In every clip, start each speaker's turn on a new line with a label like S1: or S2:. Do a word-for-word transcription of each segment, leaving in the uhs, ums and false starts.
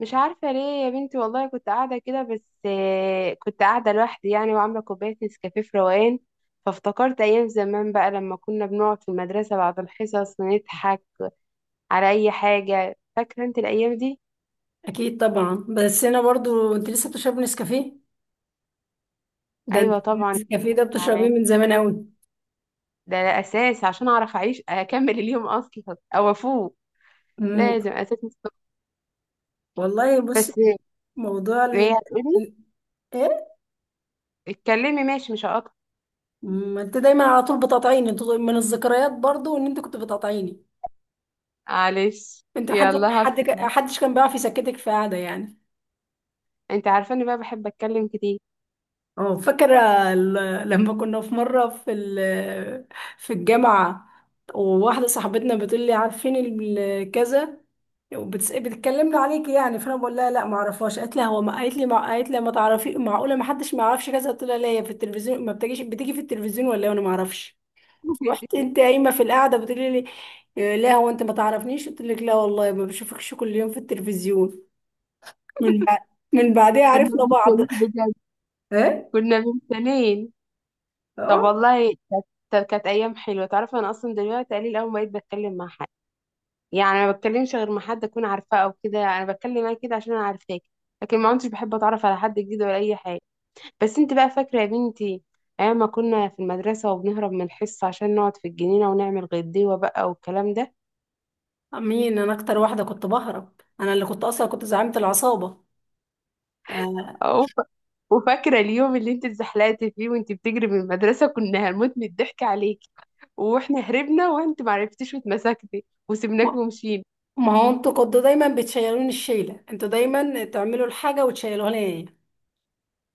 S1: مش عارفة ليه. يا بنتي والله كنت قاعدة كده، بس آه، كنت قاعدة لوحدي يعني، وعاملة كوباية نسكافيه في روقان. فافتكرت أيام زمان بقى لما كنا بنقعد في المدرسة بعد الحصص ونضحك على أي حاجة. فاكرة أنت الأيام دي؟
S2: اكيد طبعا. بس انا برضو، انت لسه بتشربي نسكافيه؟ ده انت
S1: أيوة طبعا.
S2: النسكافيه ده بتشربيه من زمان قوي.
S1: ده ده أساس عشان أعرف أعيش أكمل اليوم أصلا أو أفوق.
S2: امم
S1: لازم أساس مستقر.
S2: والله بص،
S1: بس
S2: موضوع ال...
S1: هي هتقولي
S2: ال- ايه.
S1: اتكلمي، ماشي مش هقطع.
S2: ما انت دايما على طول بتقاطعيني، انت من الذكريات برضو ان انت كنت بتقاطعيني.
S1: معلش،
S2: انت حد
S1: يلا هص...
S2: حد حدش كان بيعرف يسكتك في قعده يعني.
S1: أنت عارفة إني بقى بحب أتكلم كتير.
S2: اه فاكرة. ال- لما كنا في مرة في ال- في الجامعة، وواحدة صاحبتنا بتقول لي عارفين ال- كذا، وبتس- بتكلمني عليك يعني، فانا بقول لها لا ما اعرفهاش. قالت لها هو ما قالت لي ما قالت لي ما تعرفي، معقولة ما حدش ما يعرفش كذا؟ قلت لها لا، هي في التلفزيون ما بتجيش؟ بتيجي في التلفزيون ولا إيه؟ وانا ما اعرفش. رحت انت قايمة في القعدة بتقولي لي إيه، لا هو انت ما تعرفنيش؟ قلت لك لا والله ما بشوفكش كل يوم في التلفزيون. من بعد، من بعدها
S1: كنا
S2: عرفنا بعض
S1: بنتكلم بجد،
S2: ايه.
S1: كنا من سنين. طب والله كانت كانت كانت ايام حلوه. تعرف انا اصلا دلوقتي قليل اول ما بقيت بتكلم مع حد، يعني انا ما بتكلمش غير مع حد اكون عارفاه، او كده انا بتكلم معاك كده عشان انا عارفاك. لكن ما كنتش بحب اتعرف على حد جديد ولا اي حاجه. بس انت بقى فاكره يا بنتي ايام ما كنا في المدرسه، وبنهرب من الحصه عشان نقعد في الجنينه ونعمل غديوه بقى، والكلام ده؟
S2: مين؟ انا اكتر واحده كنت بهرب، انا اللي كنت اصلا كنت زعيمه العصابه. آه.
S1: وف- وفاكرة اليوم اللي انت اتزحلقتي فيه وانت بتجري من المدرسة، كنا هنموت من الضحك عليكي. واحنا هربنا وانت معرفتيش واتمسكتي وسبناك
S2: ما
S1: ومشينا.
S2: ما هو انتوا كنتوا دايما بتشيلوني الشيله، انتوا دايما تعملوا الحاجه وتشيلوها لي.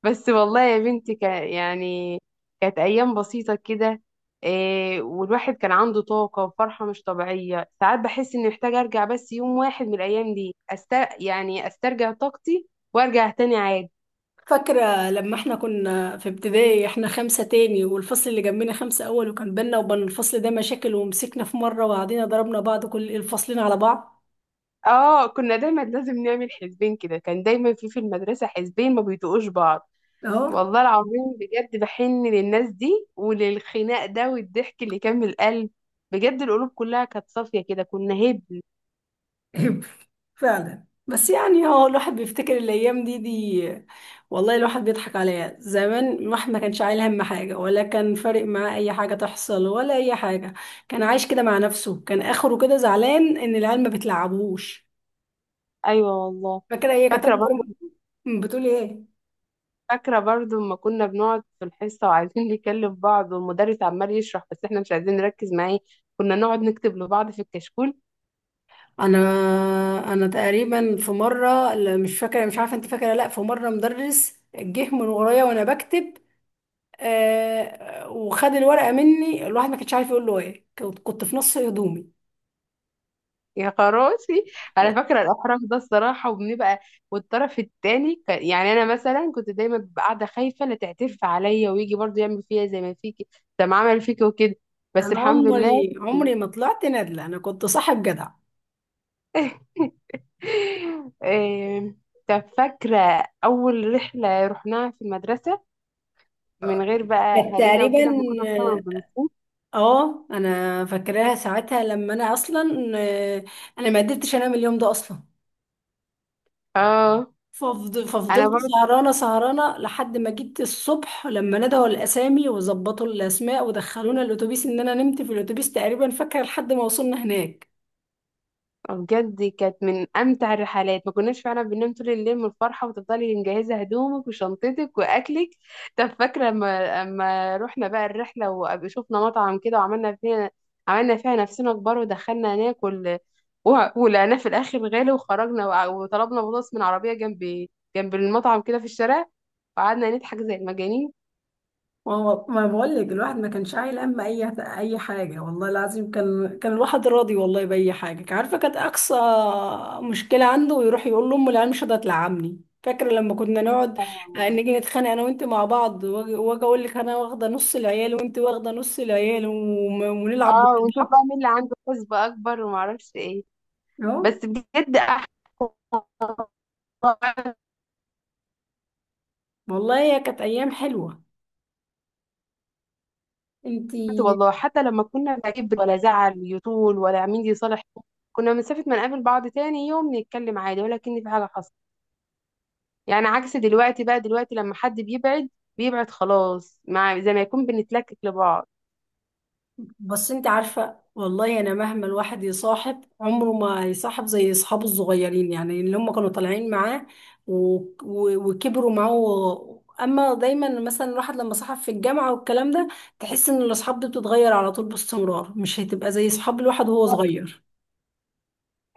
S1: بس والله يا بنتي كان يعني، كانت أيام بسيطة كده. إيه، والواحد كان عنده طاقة وفرحة مش طبيعية. ساعات بحس اني محتاجة ارجع بس يوم واحد من الأيام دي، أستر... يعني استرجع طاقتي وارجع تاني عادي.
S2: فاكره لما احنا كنا في ابتدائي، احنا خمسه تاني والفصل اللي جنبنا خمسه اول، وكان بينا وبين الفصل ده مشاكل، ومسكنا في مره وقعدنا ضربنا بعض، كل الفصلين على بعض.
S1: اه كنا دايما لازم نعمل حزبين كده. كان دايما في في المدرسة حزبين ما بيطوقوش بعض.
S2: اهو.
S1: والله العظيم بجد بحن للناس دي وللخناق ده والضحك اللي كان من القلب. بجد القلوب كلها كانت صافية كده، كنا هبل.
S2: عيب. فعلا. بس يعني هو الواحد بيفتكر الايام دي دي والله الواحد بيضحك عليها. زمان الواحد ما كانش عايل هم حاجه، ولا كان فارق معاه اي حاجه تحصل ولا اي حاجه. كان عايش كده مع نفسه، كان اخره كده زعلان ان العيال ما بتلعبوش.
S1: أيوة والله.
S2: فاكره هي كانت
S1: فاكرة
S2: اكبر.
S1: برضو.
S2: بتقول ايه؟
S1: فاكرة برضو لما كنا بنقعد في الحصة وعايزين نكلم بعض والمدرس عمال يشرح، بس احنا مش عايزين نركز معاه. كنا نقعد نكتب لبعض في الكشكول.
S2: انا انا تقريبا في مره، لا، مش فاكره. مش عارفه انت فاكره؟ لا، في مره مدرس جه من ورايا وانا بكتب، آه، وخد الورقة مني. الواحد ما كانش عارف يقول له ايه، كنت كنت في نص هدومي.
S1: يا خراشي، انا فاكره الاحراج ده الصراحه. وبنبقى والطرف التاني، كان يعني انا مثلا كنت دايما ببقى قاعده خايفه لا تعترف عليا ويجي برضه يعمل فيا زي ما فيكي، زي ما عمل فيكي وكده. بس
S2: انا
S1: الحمد لله.
S2: عمري عمري ما طلعت نادلة، انا كنت صاحب جدع.
S1: إيه، طب فاكره اول رحله رحناها في المدرسه، من غير بقى
S2: كانت
S1: اهالينا
S2: تقريبا،
S1: وكده، لما كنا بنطلع بالمصروف؟
S2: اه انا فاكراها ساعتها لما انا اصلا آه، انا ما قدرتش انام اليوم ده اصلا.
S1: اه
S2: ففض-
S1: انا
S2: ففضلت
S1: برضه
S2: سهرانه سهرانه لحد ما جيت الصبح، لما ندهوا الاسامي وظبطوا الاسماء ودخلونا الاتوبيس، ان انا نمت في الاتوبيس تقريبا فاكره لحد ما وصلنا هناك.
S1: بجد كانت من امتع الرحلات. ما كناش فعلا بننام طول الليل من الفرحه، وتفضلي مجهزه هدومك وشنطتك واكلك. طب فاكره لما لما رحنا بقى الرحله وشفنا مطعم كده وعملنا فيها، عملنا فيها نفسنا كبار ودخلنا ناكل، و- ولقيناه في الاخر غالي وخرجنا، وع- وطلبنا بطاطس من عربيه جنب جنب المطعم كده في الشارع، وقعدنا نضحك زي المجانين.
S2: ما هو ما بقول لك، الواحد ما كانش عايل هم اي اي حاجه. والله العظيم كان، كان الواحد راضي والله باي حاجه كان عارفه. كانت اقصى مشكله عنده يروح يقول لامه العيال مش راضيه تلعبني. فاكره لما كنا نقعد آه،
S1: اه
S2: نيجي نتخانق انا وانت مع بعض، واجي وأجي اقول لك انا واخده نص العيال وانت واخده نص العيال، وم- ونلعب ضد
S1: آه، ونشوف بقى
S2: بعض.
S1: مين اللي عنده حسبة اكبر، ومعرفش ايه.
S2: اهو.
S1: بس بجد احلى.
S2: والله هي كانت ايام حلوه. انت،
S1: والله حتى لما كنا لا كبر ولا زعل يطول ولا مين يصالح، كنا مسافة ما نقابل بعض تاني يوم نتكلم عادي ولا كأن في حاجة حصلت. يعني عكس دلوقتي بقى. دلوقتي لما حد بيبعد، بيبعد خلاص، مع زي ما يكون بنتلكك لبعض.
S2: بس انت عارفة والله، انا مهما الواحد يصاحب عمره ما يصاحب زي اصحابه الصغيرين، يعني اللي هم كانوا طالعين معاه و... و... وكبروا معاه و... اما دايما مثلا الواحد لما صاحب في الجامعة والكلام ده، تحس ان الاصحاب دي بتتغير على طول باستمرار، مش هتبقى زي اصحاب الواحد وهو صغير.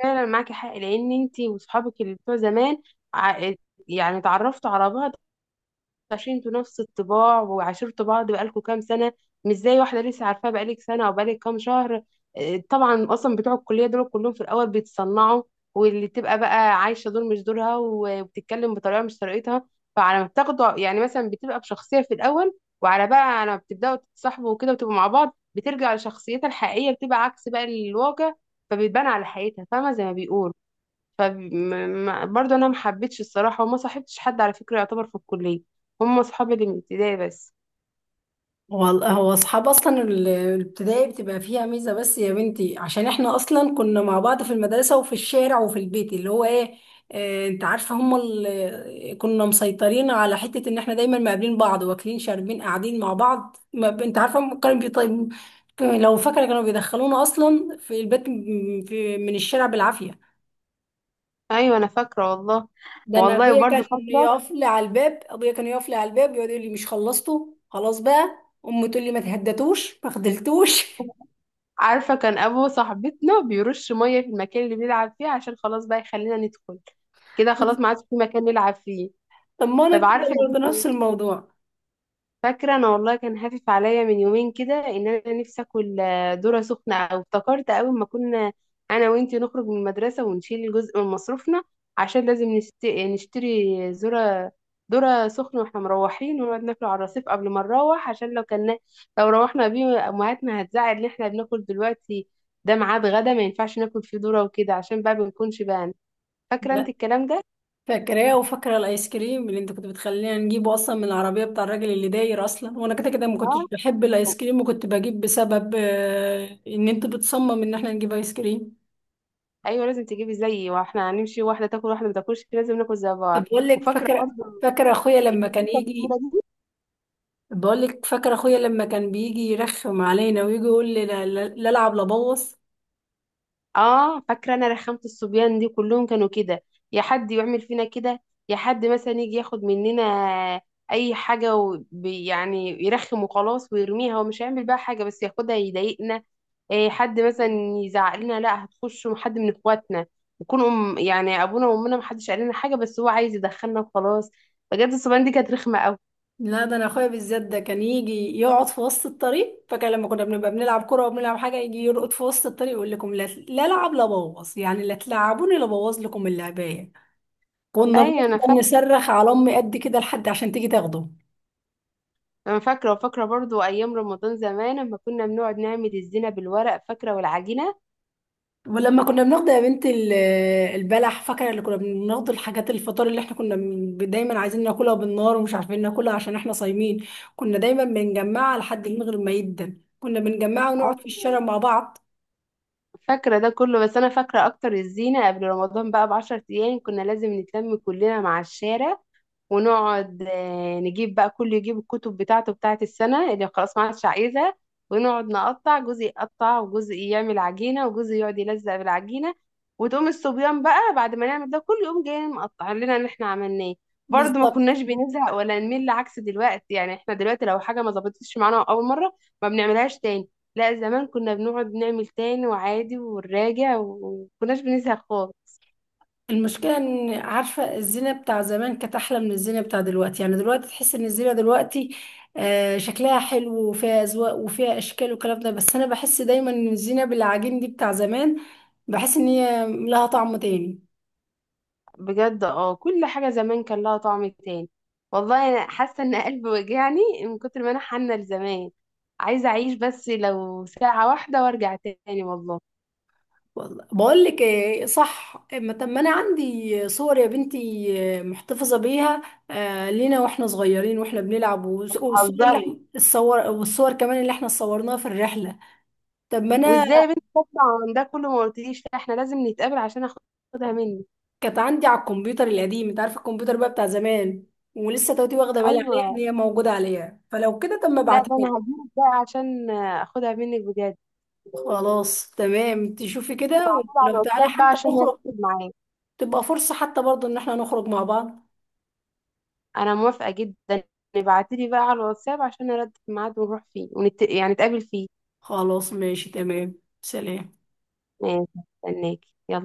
S1: فعلا معاكي حق، لأن انتي وصحابك اللي بتوع زمان ع- يعني اتعرفتوا على بعض عشان انتوا نفس الطباع، وعاشرتوا بعض بقالكوا كام سنة. مش زي واحدة لسه عارفاها بقالك سنة أو بقالك كام شهر. اه، طبعا. أصلا بتوع الكلية دول كلهم في الأول بيتصنعوا، واللي تبقى بقى عايشة دول مش دورها وبتتكلم بطريقة مش طريقتها. فعلى ما بتاخدوا، يعني مثلا بتبقى بشخصية في الأول، وعلى بقى على ما بتبدأوا تتصاحبوا وكده وتبقوا مع بعض بترجع لشخصيتها الحقيقية، بتبقى عكس بقى الواقع، فبتبان على حقيقتها، فاهمة زي ما بيقولوا. فبرضه انا ما حبيتش الصراحه، وما صاحبتش حد على فكره يعتبر في الكليه. هم اصحابي اللي من ابتدائي بس.
S2: والله هو اصحاب اصلا ال- الابتدائي بتبقى فيها ميزه، بس يا بنتي عشان احنا اصلا كنا مع بعض في المدرسه وفي الشارع وفي البيت، اللي هو ايه، آه، انت عارفه هم ال- كنا مسيطرين على حته ان احنا دايما مقابلين بعض واكلين شاربين قاعدين مع بعض. ما ب- انت عارفه هم كانوا بيطيب لو فاكره كانوا بيدخلونا اصلا في البيت م- في من الشارع بالعافيه.
S1: ايوه انا فاكره والله.
S2: ده انا
S1: والله
S2: ابويا
S1: برضه
S2: كان
S1: فاكره.
S2: يقف لي على الباب، ابويا كان يقف لي على الباب يقعد يقول لي مش خلصتوا خلاص بقى؟ امي تقول لي ما تهدتوش ما خدلتوش
S1: عارفه كان ابو صاحبتنا بيرش ميه في المكان اللي بيلعب فيه عشان خلاص بقى يخلينا ندخل. كده خلاص ما عادش في مكان نلعب فيه.
S2: طب ما انا
S1: طب
S2: كده
S1: عارفه،
S2: برضه نفس الموضوع.
S1: فاكرة أنا والله كان هافف عليا من يومين كده إن أنا نفسي آكل آه، ذرة سخنة. أو افتكرت أول ما كنا أنا وإنتي نخرج من المدرسة ونشيل جزء من مصروفنا عشان لازم نشت- نشتري ذرة، ذرة سخنة، وإحنا مروحين ونقعد ناكله على الرصيف قبل ما نروح، عشان لو كنا، لو روحنا بيه أمهاتنا هتزعل إن إحنا بناكل دلوقتي. ده ميعاد غدا ما ينفعش ناكل فيه ذرة وكده، عشان بقى ما نكونش بقى. فاكرة أنت
S2: لا،
S1: الكلام ده؟
S2: فاكراه، وفاكره الايس كريم اللي انت كنت بتخلينا نجيبه اصلا من العربيه بتاع الراجل اللي داير اصلا، وانا كده كده ما كنتش
S1: اه.
S2: بحب الايس كريم، وكنت بجيب بسبب آه، ان انت بتصمم ان احنا نجيب ايس كريم.
S1: ايوه لازم تجيبي زيي، واحنا هنمشي واحده تاكل واحده ما تاكلش، لازم ناكل زي
S2: طب
S1: بعض.
S2: بقول لك،
S1: وفاكره
S2: فاكره،
S1: برضه
S2: فاكره اخويا لما
S1: اللي دي
S2: كان
S1: الكوره
S2: يجي،
S1: دي.
S2: بقول لك فاكره اخويا لما كان بيجي يرخم علينا ويجي يقول لي لا لا- لا العب لا بوظ.
S1: اه فاكره انا رخامه الصبيان دي، كلهم كانوا كده. يا حد يعمل فينا كده، يا حد مثلا يجي ياخد مننا اي حاجه وبي يعني يرخم وخلاص ويرميها، ومش هيعمل بقى حاجه، بس ياخدها يضايقنا. إيه حد مثلا يزعق لنا لا هتخش، حد من اخواتنا يكون أم يعني ابونا وامنا محدش قال لنا حاجه، بس هو عايز يدخلنا وخلاص. بجد الصبيان دي كانت رخمه قوي.
S2: لا، ده انا اخويا بالذات ده كان يجي يقعد في وسط الطريق، فكان لما كنا بنبقى بنلعب كوره وبنلعب حاجه يجي يرقد في وسط الطريق يقول لكم لا لا العب لا بوظ، يعني لا تلعبوني لا بوظ لكم اللعبايه. كنا
S1: ايوه انا
S2: بنفضل
S1: فاكره.
S2: نصرخ على امي قد كده لحد عشان تيجي تاخده.
S1: انا فاكره، وفاكره برضو ايام رمضان زمان لما كنا بنقعد نعمل الزينه بالورق، فاكره والعجينه.
S2: ولما كنا بناخد يا بنت ال- البلح، فاكره اللي كنا بناخد الحاجات الفطار اللي احنا كنا بن- دايما عايزين ناكلها بالنار ومش عارفين ناكلها عشان احنا صايمين؟ كنا دايما بنجمعها لحد من غير ما يدن، كنا بنجمعها ونقعد في
S1: ايوه
S2: الشارع مع بعض.
S1: فاكره ده كله، بس انا فاكره اكتر الزينه قبل رمضان بقى بعشر ايام، كنا لازم نتلم كلنا مع الشارع، ونقعد آه، نجيب بقى، كل يجيب الكتب بتاعته بتاعت السنة اللي خلاص ما عادش عايزها، ونقعد نقطع جزء يقطع وجزء يعمل عجينة وجزء يقعد يلزق بالعجينة، وتقوم الصبيان بقى بعد ما نعمل ده كله يقوم جاي مقطع لنا اللي احنا عملناه. برضه ما
S2: بالظبط.
S1: كناش بنزهق ولا نمل، عكس دلوقتي. يعني احنا دلوقتي لو حاجة ما ظبطتش معانا أول مرة ما بنعملهاش تاني. لا زمان كنا بنقعد نعمل تاني وعادي ونراجع، ومكناش بنزهق خالص.
S2: المشكلة ان عارفة الزينة بتاع زمان كانت احلى من الزينة بتاع دلوقتي. يعني دلوقتي تحس ان الزينة دلوقتي آه، شكلها حلو وفيها اذواق وفيها اشكال والكلام ده، بس انا بحس دايما ان الزينة بالعجين دي بتاع زمان، بحس ان هي لها طعم تاني.
S1: بجد اه كل حاجة زمان كان لها طعم تاني. والله انا حاسة ان قلبي وجعني من كتر ما انا حنة لزمان. عايزة اعيش بس لو ساعة واحدة وارجع تاني، والله.
S2: والله بقول لك ايه صح، ما طب ما انا عندي صور يا بنتي، آه، محتفظة بيها، آه، لينا واحنا صغيرين واحنا بنلعب، والصور اللي
S1: هزري،
S2: احنا الصور، والصور كمان اللي احنا صورناها في الرحلة. طب ما انا
S1: وازاي يا بنتي تطلع عن ده كله ما قلتليش؟ لا احنا لازم نتقابل عشان اخدها منك.
S2: كانت عندي على الكمبيوتر القديم، انت عارفه الكمبيوتر بقى بتاع زمان، ولسه توتي واخده بالي عليها ان
S1: ايوه.
S2: هي موجوده عليها، فلو كده طب ما
S1: لا
S2: ابعتها
S1: ده انا
S2: لي.
S1: هجيلك بقى عشان اخدها منك بجد.
S2: خلاص تمام، تشوفي كده.
S1: على
S2: ولو تعالى
S1: الواتساب بقى
S2: حتى
S1: عشان
S2: نخرج،
S1: نرتب معاك.
S2: تبقى فرصه حتى برضو ان احنا نخرج مع بعض.
S1: انا موافقة جدا. ابعتيلي بقى على الواتساب عشان نرتب ميعاد ونروح فيه، ونت... يعني نتقابل فيه.
S2: خلاص ماشي تمام. سلام.
S1: ماشي. استناكي يلا.